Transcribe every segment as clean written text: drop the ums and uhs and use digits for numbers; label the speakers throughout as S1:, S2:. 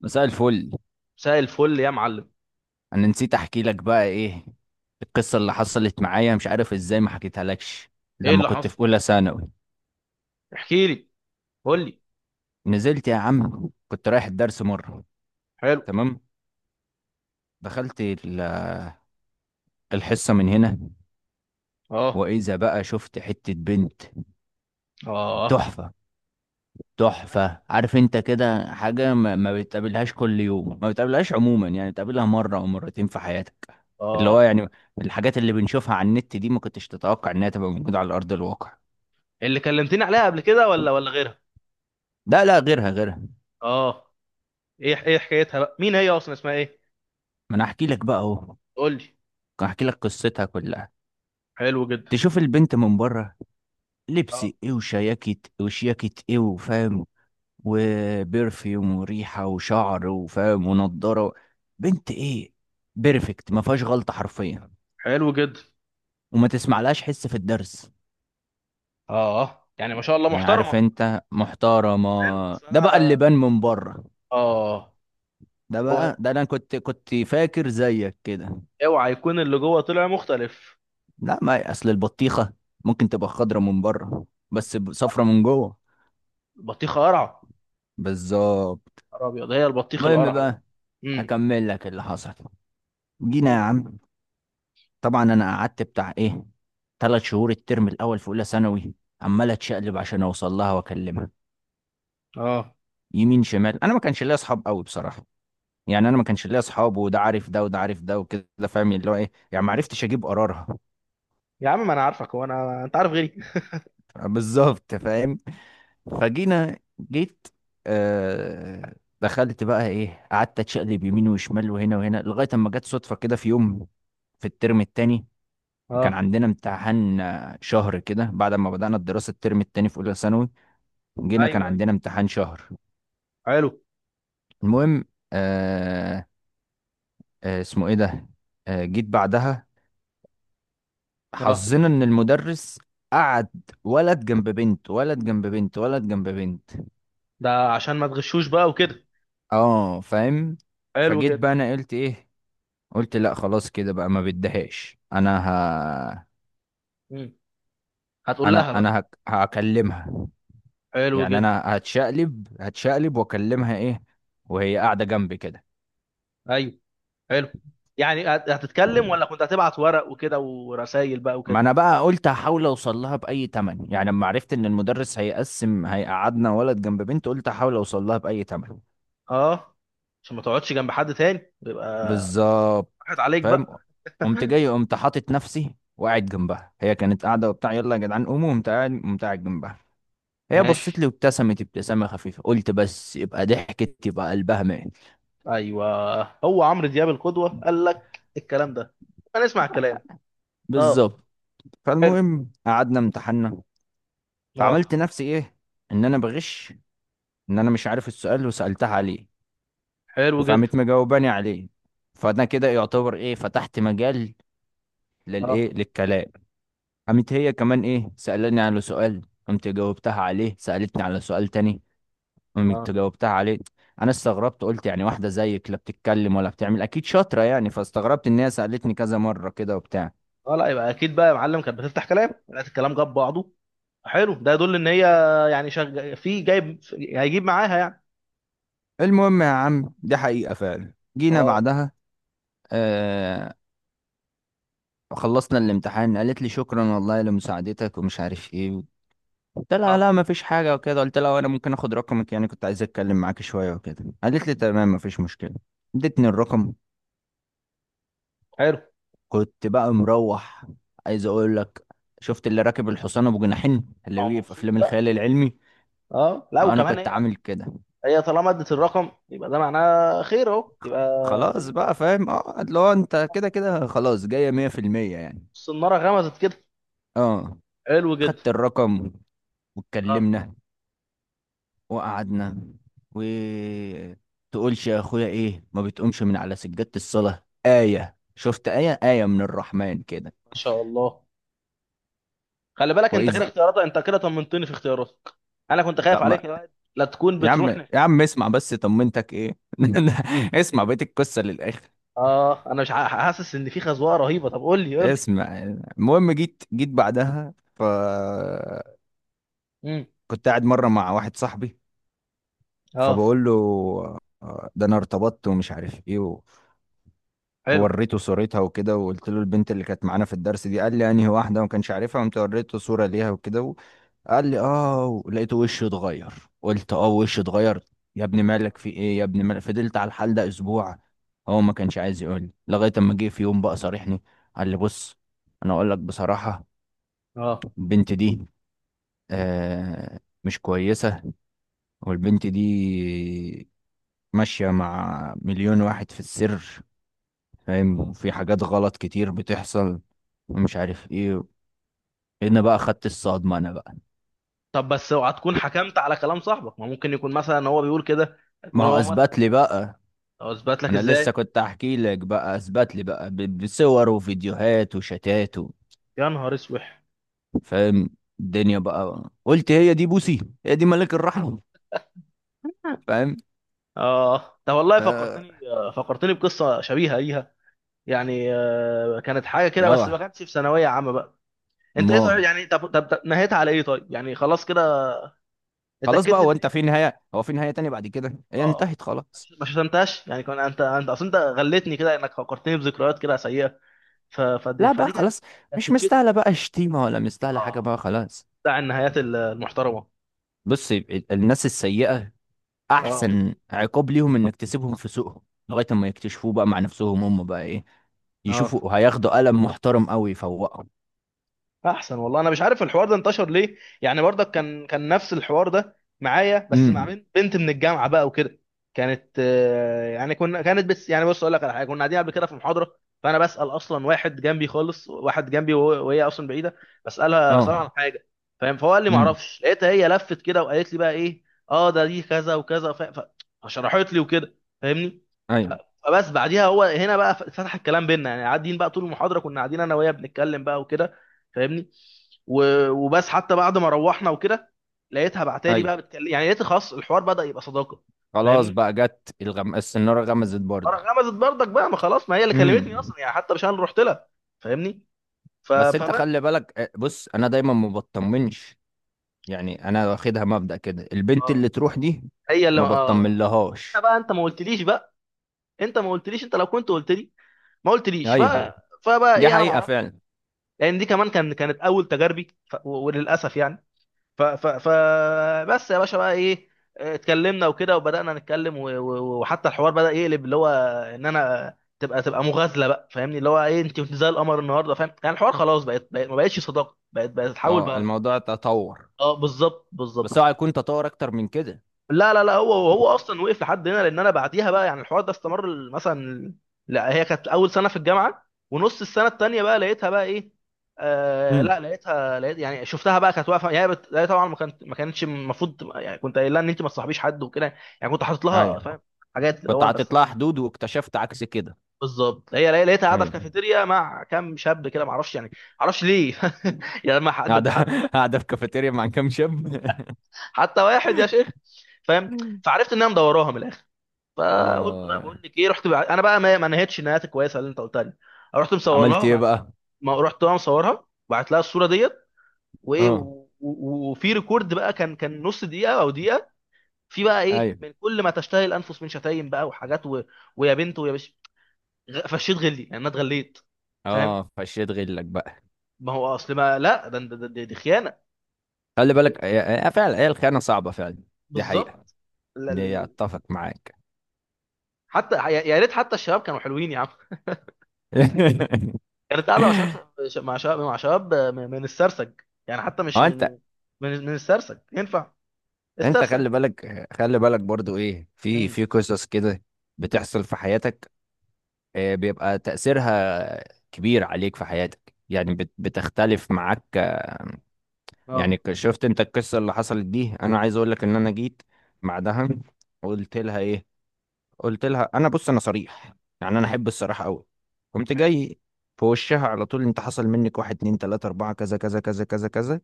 S1: مساء الفل.
S2: مساء الفل يا معلم.
S1: انا نسيت احكي لك بقى ايه القصه اللي حصلت معايا، مش عارف ازاي ما حكيتها لكش.
S2: ايه
S1: لما
S2: اللي
S1: كنت
S2: حصل؟
S1: في اولى ثانوي
S2: احكي لي. قول لي.
S1: نزلت يا عم، كنت رايح الدرس مره.
S2: حلو.
S1: تمام، دخلت ال- الحصه من هنا
S2: اه.
S1: واذا بقى شفت حته بنت
S2: اه.
S1: تحفه. تحفه، عارف انت كده؟ حاجه ما بتقابلهاش كل يوم، ما بتقابلهاش عموما، يعني بتقابلها مره او مرتين في حياتك. اللي
S2: اه،
S1: هو يعني الحاجات اللي بنشوفها على النت دي ما كنتش تتوقع انها تبقى موجوده على ارض الواقع.
S2: اللي كلمتني عليها قبل كده ولا غيرها؟
S1: ده لا، غيرها غيرها.
S2: اه. ايه ايه حكايتها بقى، مين هي اصلا، اسمها ايه؟
S1: ما انا احكي لك بقى اهو،
S2: قول لي.
S1: احكي لك قصتها كلها.
S2: حلو جدا.
S1: تشوف البنت من بره، لبس
S2: اه.
S1: ايه وشياكت، وشياكت ايه وفاهم، وبرفيوم وريحه وشعر وفاهم ونضاره. بنت ايه؟ بيرفكت، ما فيهاش غلطه حرفيا.
S2: حلو جدا.
S1: وما تسمعلهاش حس في الدرس،
S2: اه، يعني ما شاء الله
S1: يعني عارف
S2: محترمه.
S1: انت، محترمه.
S2: حلو، اصل
S1: ده بقى اللي
S2: انا.
S1: بان من بره.
S2: اه.
S1: ده بقى،
S2: هو
S1: ده انا كنت فاكر زيك كده.
S2: اوعى يكون اللي جوه طلع مختلف.
S1: لا، ما اصل البطيخه ممكن تبقى خضره من بره بس
S2: صح.
S1: صفرة من جوه.
S2: البطيخه قرعه.
S1: بالظبط.
S2: نهار ابيض، هي البطيخ
S1: المهم
S2: القرعه ده بقى.
S1: بقى
S2: امم.
S1: اكمل لك اللي حصل. جينا
S2: قول
S1: يا
S2: يا باشا.
S1: عم، طبعا انا قعدت بتاع ايه، ثلاث شهور الترم الاول في اولى ثانوي عمال اتشقلب عشان اوصل لها واكلمها.
S2: اه.
S1: يمين شمال، انا ما كانش ليا اصحاب قوي بصراحه. يعني انا ما كانش ليا اصحاب، وده عارف ده وده عارف ده وكده، فاهم اللي هو ايه، يعني ما عرفتش اجيب قرارها.
S2: يا عم ما انا عارفك، هو انا انت عارف غيري؟
S1: بالظبط، فاهم. فجينا، جيت، آه دخلت بقى ايه، قعدت اتشقلب يمين وشمال وهنا وهنا لغايه اما جت صدفه كده في يوم، في الترم التاني كان
S2: اه.
S1: عندنا امتحان، شهر كده بعد ما بدأنا الدراسة الترم التاني في أولى ثانوي. جينا كان
S2: ايوه ايوه.
S1: عندنا امتحان شهر.
S2: حلو.
S1: المهم، آه اسمه إيه ده، جيت بعدها.
S2: اه.
S1: حظنا إن المدرس قعد ولد جنب بنت، ولد جنب بنت، ولد جنب بنت.
S2: ده عشان ما تغشوش بقى وكده.
S1: اه فاهم.
S2: حلو
S1: فجيت
S2: جدا.
S1: بقى انا قلت ايه، قلت لا خلاص كده بقى، ما بدهاش.
S2: مم. هتقول لها بقى؟
S1: هكلمها.
S2: حلو
S1: يعني
S2: جدا.
S1: انا هتشقلب هتشقلب واكلمها ايه وهي قاعده جنبي كده.
S2: ايوه. حلو. يعني هتتكلم ولا كنت هتبعت ورق وكده ورسايل بقى
S1: ما
S2: وكده؟
S1: انا بقى قلت هحاول اوصل لها باي تمن، يعني لما عرفت ان المدرس هيقسم هيقعدنا ولد جنب بنت قلت هحاول اوصل لها باي تمن.
S2: اه، عشان ما تقعدش جنب حد تاني يبقى.
S1: بالظبط،
S2: راحت عليك
S1: فاهم.
S2: بقى.
S1: قمت جاي، قمت حاطط نفسي وقاعد جنبها. هي كانت قاعده وبتاع يلا يا جدعان قوموا، قمت قاعد، قمت قاعد جنبها. هي بصت
S2: ماشي.
S1: لي وابتسمت ابتسامه خفيفه، قلت بس يبقى ضحكت يبقى قلبها مات.
S2: ايوه، هو عمرو دياب القدوة قال لك الكلام ده؟ هنسمع الكلام. اه.
S1: بالظبط.
S2: حلو.
S1: فالمهم قعدنا امتحنا. فعملت
S2: اه.
S1: نفسي ايه، ان انا بغش، ان انا مش عارف السؤال وسالتها عليه.
S2: حلو جدا.
S1: فقامت مجاوباني عليه. فانا كده يعتبر ايه، فتحت مجال
S2: اه.
S1: للايه، للكلام. قامت هي كمان ايه سالاني على سؤال، قمت جاوبتها عليه، سالتني على سؤال تاني، قمت
S2: اه.
S1: جاوبتها عليه. انا استغربت، قلت يعني واحده زيك لا بتتكلم ولا بتعمل، اكيد شاطره يعني. فاستغربت ان هي سالتني كذا مره كده وبتاع.
S2: اه، لا يبقى اكيد بقى يا معلم، كانت بتفتح كلام لقيت الكلام جاب بعضه. حلو، ده يدل ان هي، يعني في جايب هيجيب معاها يعني.
S1: المهم يا عم دي حقيقه فعلا. جينا
S2: اه.
S1: بعدها، آه خلصنا الامتحان. قالت لي شكرا والله لمساعدتك ومش عارف ايه. قلت لها لا
S2: اه.
S1: ما فيش حاجة وكده، قلت لها وانا ممكن اخد رقمك؟ يعني كنت عايز اتكلم معاك شوية وكده. قالت لي تمام ما فيش مشكلة، ادتني الرقم.
S2: حلو.
S1: كنت بقى مروح، عايز اقول لك، شفت اللي راكب الحصان ابو جناحين اللي
S2: او
S1: بيجي في
S2: مبسوط
S1: افلام
S2: بقى.
S1: الخيال العلمي؟
S2: اه، لا
S1: انا
S2: وكمان
S1: كنت
S2: هي،
S1: عامل كده.
S2: هي طالما ادت الرقم يبقى ده معناه خير اهو يبقى.
S1: خلاص
S2: الدنيا.
S1: بقى فاهم، اه اللي هو انت كده كده خلاص، جاية مية في المية يعني.
S2: الصناره غمزت كده.
S1: اه
S2: حلو جدا.
S1: خدت الرقم،
S2: اه.
S1: واتكلمنا، وقعدنا، و تقولش يا اخويا ايه ما بتقومش من على سجادة الصلاة. آية، شفت آية، آية من الرحمن كده.
S2: ما شاء الله. خلي بالك، انت كده
S1: وإذ،
S2: اختياراتك، انت كده طمنتني في اختياراتك. انا كنت
S1: لا
S2: خايف
S1: ما،
S2: عليك يا واد لا تكون
S1: يا عم
S2: بتروح
S1: يا عم اسمع بس طمنتك ايه. اسمع بقية القصة للآخر.
S2: اه، انا مش حاسس ان في خزوقه رهيبه، طب قول لي قول لي.
S1: اسمع. المهم جيت جيت بعدها، ف
S2: امم.
S1: كنت قاعد مرة مع واحد صاحبي.
S2: اه.
S1: فبقول له، ده انا ارتبطت ومش عارف ايه.
S2: حلو.
S1: ووريته صورتها وكده، وقلت له البنت اللي كانت معانا في الدرس دي. قال لي انهي واحده وما كانش عارفها. قمت وريته صوره ليها وكده، وقال لي اه، لقيته وشه اتغير. قلت اه وشه اتغير. يا ابني مالك؟ في ايه يا ابني مالك؟ فضلت على الحال ده اسبوع. هو ما كانش عايز يقول لي لغايه اما جه في يوم بقى صارحني. قال لي بص، انا اقول لك بصراحه،
S2: اه.
S1: البنت دي مش كويسه. والبنت دي ماشيه
S2: اه.
S1: مع مليون واحد في السر، فاهم،
S2: آه.
S1: وفي حاجات غلط كتير بتحصل ومش عارف ايه. هنا بقى
S2: طب
S1: خدت الصدمة انا بقى.
S2: طب بس اوعى تكون حكمت على كلام صاحبك، ما ممكن يكون مثلا هو بيقول كده،
S1: ما
S2: يكون
S1: هو
S2: هو مثلا.
S1: اثبت لي بقى،
S2: او اثبت لك
S1: انا لسه
S2: ازاي؟
S1: كنت احكي لك بقى، اثبت لي بقى بصور وفيديوهات وشتات و...
S2: يا نهار اسوح.
S1: فاهم. الدنيا بقى قلت هي دي بوسي، هي دي ملك الرحمة، فاهم.
S2: اه، ده والله
S1: ف
S2: فكرتني، فكرتني بقصه شبيهه ليها. يعني كانت حاجه كده، بس ما
S1: اه،
S2: كانتش في ثانويه عامه بقى. انت ايه صحيح
S1: ما
S2: يعني، طب طب طب نهيتها على ايه طيب، يعني خلاص كده؟
S1: خلاص بقى،
S2: اتاكدت
S1: هو
S2: ان هي.
S1: انت في نهاية، هو في نهاية تانية بعد كده هي
S2: اه.
S1: انتهت خلاص.
S2: ما شتمتهاش يعني، كان انت اصل انت غلتني كده انك فكرتني بذكريات كده سيئه. فدي
S1: لا بقى
S2: فدي كانت،
S1: خلاص،
S2: كانت
S1: مش
S2: تتشتم.
S1: مستاهلة بقى شتيمة ولا مستاهلة حاجة بقى
S2: اه.
S1: خلاص.
S2: بتاع النهايات المحترمه.
S1: بص الناس السيئة
S2: اه.
S1: احسن عقاب ليهم انك تسيبهم في سوقهم لغايه اما يكتشفوه بقى مع نفسهم هم بقى ايه،
S2: اه.
S1: يشوفوا هياخدوا قلم محترم قوي يفوقهم.
S2: احسن والله، انا مش عارف الحوار ده انتشر ليه. يعني برضك كان نفس الحوار ده معايا، بس مع
S1: امم،
S2: بنت من الجامعه بقى وكده. كانت، يعني كانت بس، يعني بص اقول لك على حاجه، كنا قاعدين قبل كده في محاضره، فانا بسال اصلا واحد جنبي خالص، واحد جنبي، وهي اصلا بعيده.
S1: اه،
S2: بسالها عن حاجه. فاهم؟ فهو قال لي ما
S1: امم،
S2: اعرفش، لقيتها هي لفت كده وقالت لي بقى ايه. اه، ده دي كذا وكذا فشرحت لي وكده، فاهمني؟ ف-
S1: ايوه
S2: فبس بعديها هو هنا بقى فتح الكلام بينا، يعني قاعدين بقى طول المحاضره، كنا قاعدين انا وهي بنتكلم بقى وكده، فاهمني؟ وبس حتى بعد ما روحنا وكده لقيتها بعتالي
S1: ايوه.
S2: بقى بتكلم، يعني لقيت خلاص الحوار بدأ يبقى صداقه،
S1: خلاص
S2: فاهمني؟
S1: بقى جت السناره غمزت
S2: انا
S1: برضه.
S2: غمزت برضك بقى، ما خلاص، ما هي اللي كلمتني
S1: امم.
S2: اصلا يعني، حتى مش انا اللي رحت لها، فاهمني؟
S1: بس انت
S2: فبس.
S1: خلي بالك، بص انا دايما ما بطمنش. يعني انا واخدها مبدأ كده، البنت
S2: اه،
S1: اللي تروح دي
S2: هي اللي
S1: ما
S2: اه. أنا
S1: بطمنلهاش.
S2: بقى، انت ما قلتليش بقى، انت ما قلتليش، انت لو كنت قلت لي، ما قلتليش
S1: ايوه
S2: فبقى
S1: دي
S2: ايه، انا ما
S1: حقيقه
S2: اعرفش.
S1: فعلا.
S2: لان دي كمان كانت اول تجاربي، وللاسف يعني. ف ف ف بس يا باشا بقى ايه، اتكلمنا وكده وبدأنا نتكلم وحتى الحوار بدأ يقلب اللي هو ان انا تبقى مغازلة بقى، فاهمني؟ اللي هو ايه، انت كنت زي القمر النهارده، فاهم؟ يعني الحوار خلاص ما بقتش صداقة، بقت تحول
S1: اه
S2: بقى الحوار.
S1: الموضوع تطور.
S2: اه، بالظبط بالظبط.
S1: بس هو هيكون تطور اكتر من كده.
S2: لا لا لا، هو هو اصلا وقف لحد هنا، لان انا بعديها بقى يعني الحوار ده استمر مثلا. لا، هي كانت اول سنه في الجامعه، ونص السنه التانيه بقى لقيتها بقى ايه. آه
S1: امم،
S2: لا، لقيت يعني شفتها بقى، كانت واقفه، هي هي طبعا ما كانتش المفروض يعني كنت قايل لها ان انت ما تصاحبيش حد وكده. يعني كنت حاطط لها،
S1: ايوه،
S2: فاهم؟ حاجات تبقى
S1: كنت
S2: وان بس.
S1: حاطط لها حدود واكتشفت عكس كده.
S2: بالظبط، هي لقيتها قاعده في
S1: ايوه،
S2: كافيتيريا مع كام شاب كده، ما اعرفش، يعني ما اعرفش ليه. يعني ما حد انت
S1: قاعدة
S2: حتى،
S1: قاعدة في كافيتيريا مع كام شاب.
S2: حتى واحد يا شيخ، فاهم؟ فعرفت انها مدوراها من الاخر. فقلت بقى
S1: اه
S2: بقول لك ايه، رحت بقى انا بقى، ما نهيتش النهايات الكويسه اللي انت قلتها لي، رحت مصور لها
S1: عملت ايه
S2: وبعت
S1: بقى؟
S2: لها. ما رحت بقى مصورها وبعت لها الصوره ديت، وايه
S1: اه
S2: وفي ريكورد بقى، كان نص دقيقه او دقيقه، في بقى ايه
S1: ايوه،
S2: من كل ما تشتهي الانفس من شتايم بقى وحاجات ويا بنت ويا بش، فشيت غلي، يعني انا اتغليت، فاهم؟
S1: اه فشيت غلك بقى.
S2: ما هو اصل ما، لا ده دي خيانه.
S1: خلي بالك، هي فعلا هي الخيانة صعبة فعلا. دي حقيقة.
S2: بالظبط. لا-
S1: دي هي،
S2: ال-.
S1: اتفق معاك.
S2: حتى يا ريت حتى الشباب كانوا حلوين يا عم، كانت قاعده مع شباب، مع شباب، مع شباب من السرسج، يعني حتى مش
S1: هو
S2: من،
S1: انت،
S2: من من السرسج ينفع؟
S1: انت
S2: السرسج.
S1: خلي بالك خلي بالك برضو ايه، في
S2: امم.
S1: في قصص كده بتحصل في حياتك.
S2: اه.
S1: بيبقى تأثيرها كبير عليك في حياتك. يعني بتختلف معاك،
S2: اه.
S1: يعني شفت انت القصة اللي حصلت دي؟ انا عايز اقول لك ان انا جيت بعدها قلت لها ايه، قلت لها انا بص انا صريح، يعني انا احب الصراحة قوي. قمت
S2: حلو.
S1: جاي في وشها على طول، انت حصل منك واحد اتنين تلاتة اربعة كذا كذا كذا كذا كذا.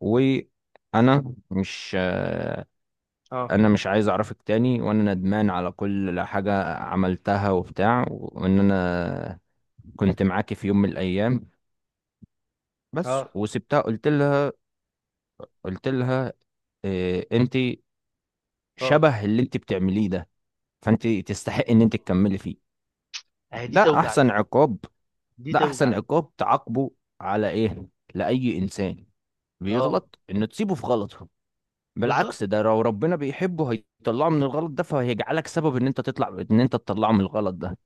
S1: وانا مش
S2: اه.
S1: انا مش عايز اعرفك تاني، وانا ندمان على كل حاجة عملتها وبتاع، وان انا
S2: مم.
S1: كنت معاكي في يوم من الايام بس.
S2: اه.
S1: وسبتها، قلت لها، قلت لها، انت
S2: اه.
S1: شبه اللي انت بتعمليه ده، فانت تستحق ان انت تكملي فيه.
S2: دي
S1: ده
S2: توجع دي،
S1: احسن عقاب،
S2: دي
S1: ده
S2: توجع
S1: احسن
S2: دي.
S1: عقاب تعاقبه على ايه لاي انسان
S2: اه،
S1: بيغلط، ان تسيبه في غلطه.
S2: بالظبط.
S1: بالعكس ده لو ربنا بيحبه هيطلعه من الغلط ده، فهيجعلك سبب ان انت تطلع، ان انت تطلعه من الغلط ده.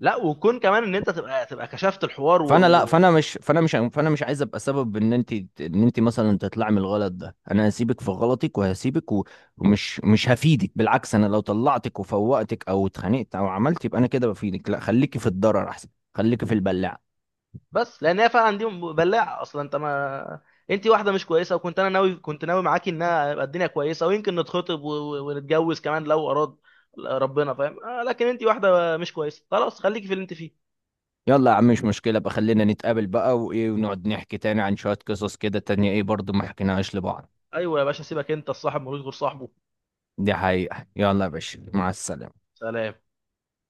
S2: لا، وكون كمان ان انت تبقى، كشفت الحوار
S1: فانا لا فانا مش فانا مش فانا مش عايز ابقى سبب ان انت، ان انت مثلا تطلعي من الغلط ده. انا هسيبك في غلطك، ومش مش هفيدك. بالعكس انا لو طلعتك وفوقتك او اتخانقت او عملت، يبقى انا كده بفيدك. لا خليكي في الضرر احسن، خليكي في البلاعه.
S2: بس لان هي فعلا دي بلاعه اصلا، انت واحده مش كويسه، وكنت انا ناوي، كنت ناوي معاكي انها يبقى الدنيا كويسه، ويمكن نتخطب ونتجوز كمان لو اراد ربنا، فاهم؟ لكن انت واحده مش كويسه، خلاص خليكي في اللي انت فيه.
S1: يلا يا عم مش مشكله بقى، خلينا نتقابل بقى وايه، ونقعد نحكي تاني عن شويه قصص كده تانية ايه برضو ما حكيناهاش لبعض.
S2: ايوه يا باشا، سيبك، انت الصاحب ملوش غير صاحبه.
S1: دي حقيقه. يلا يا
S2: حبيبي.
S1: باشا مع السلامه.
S2: سلام.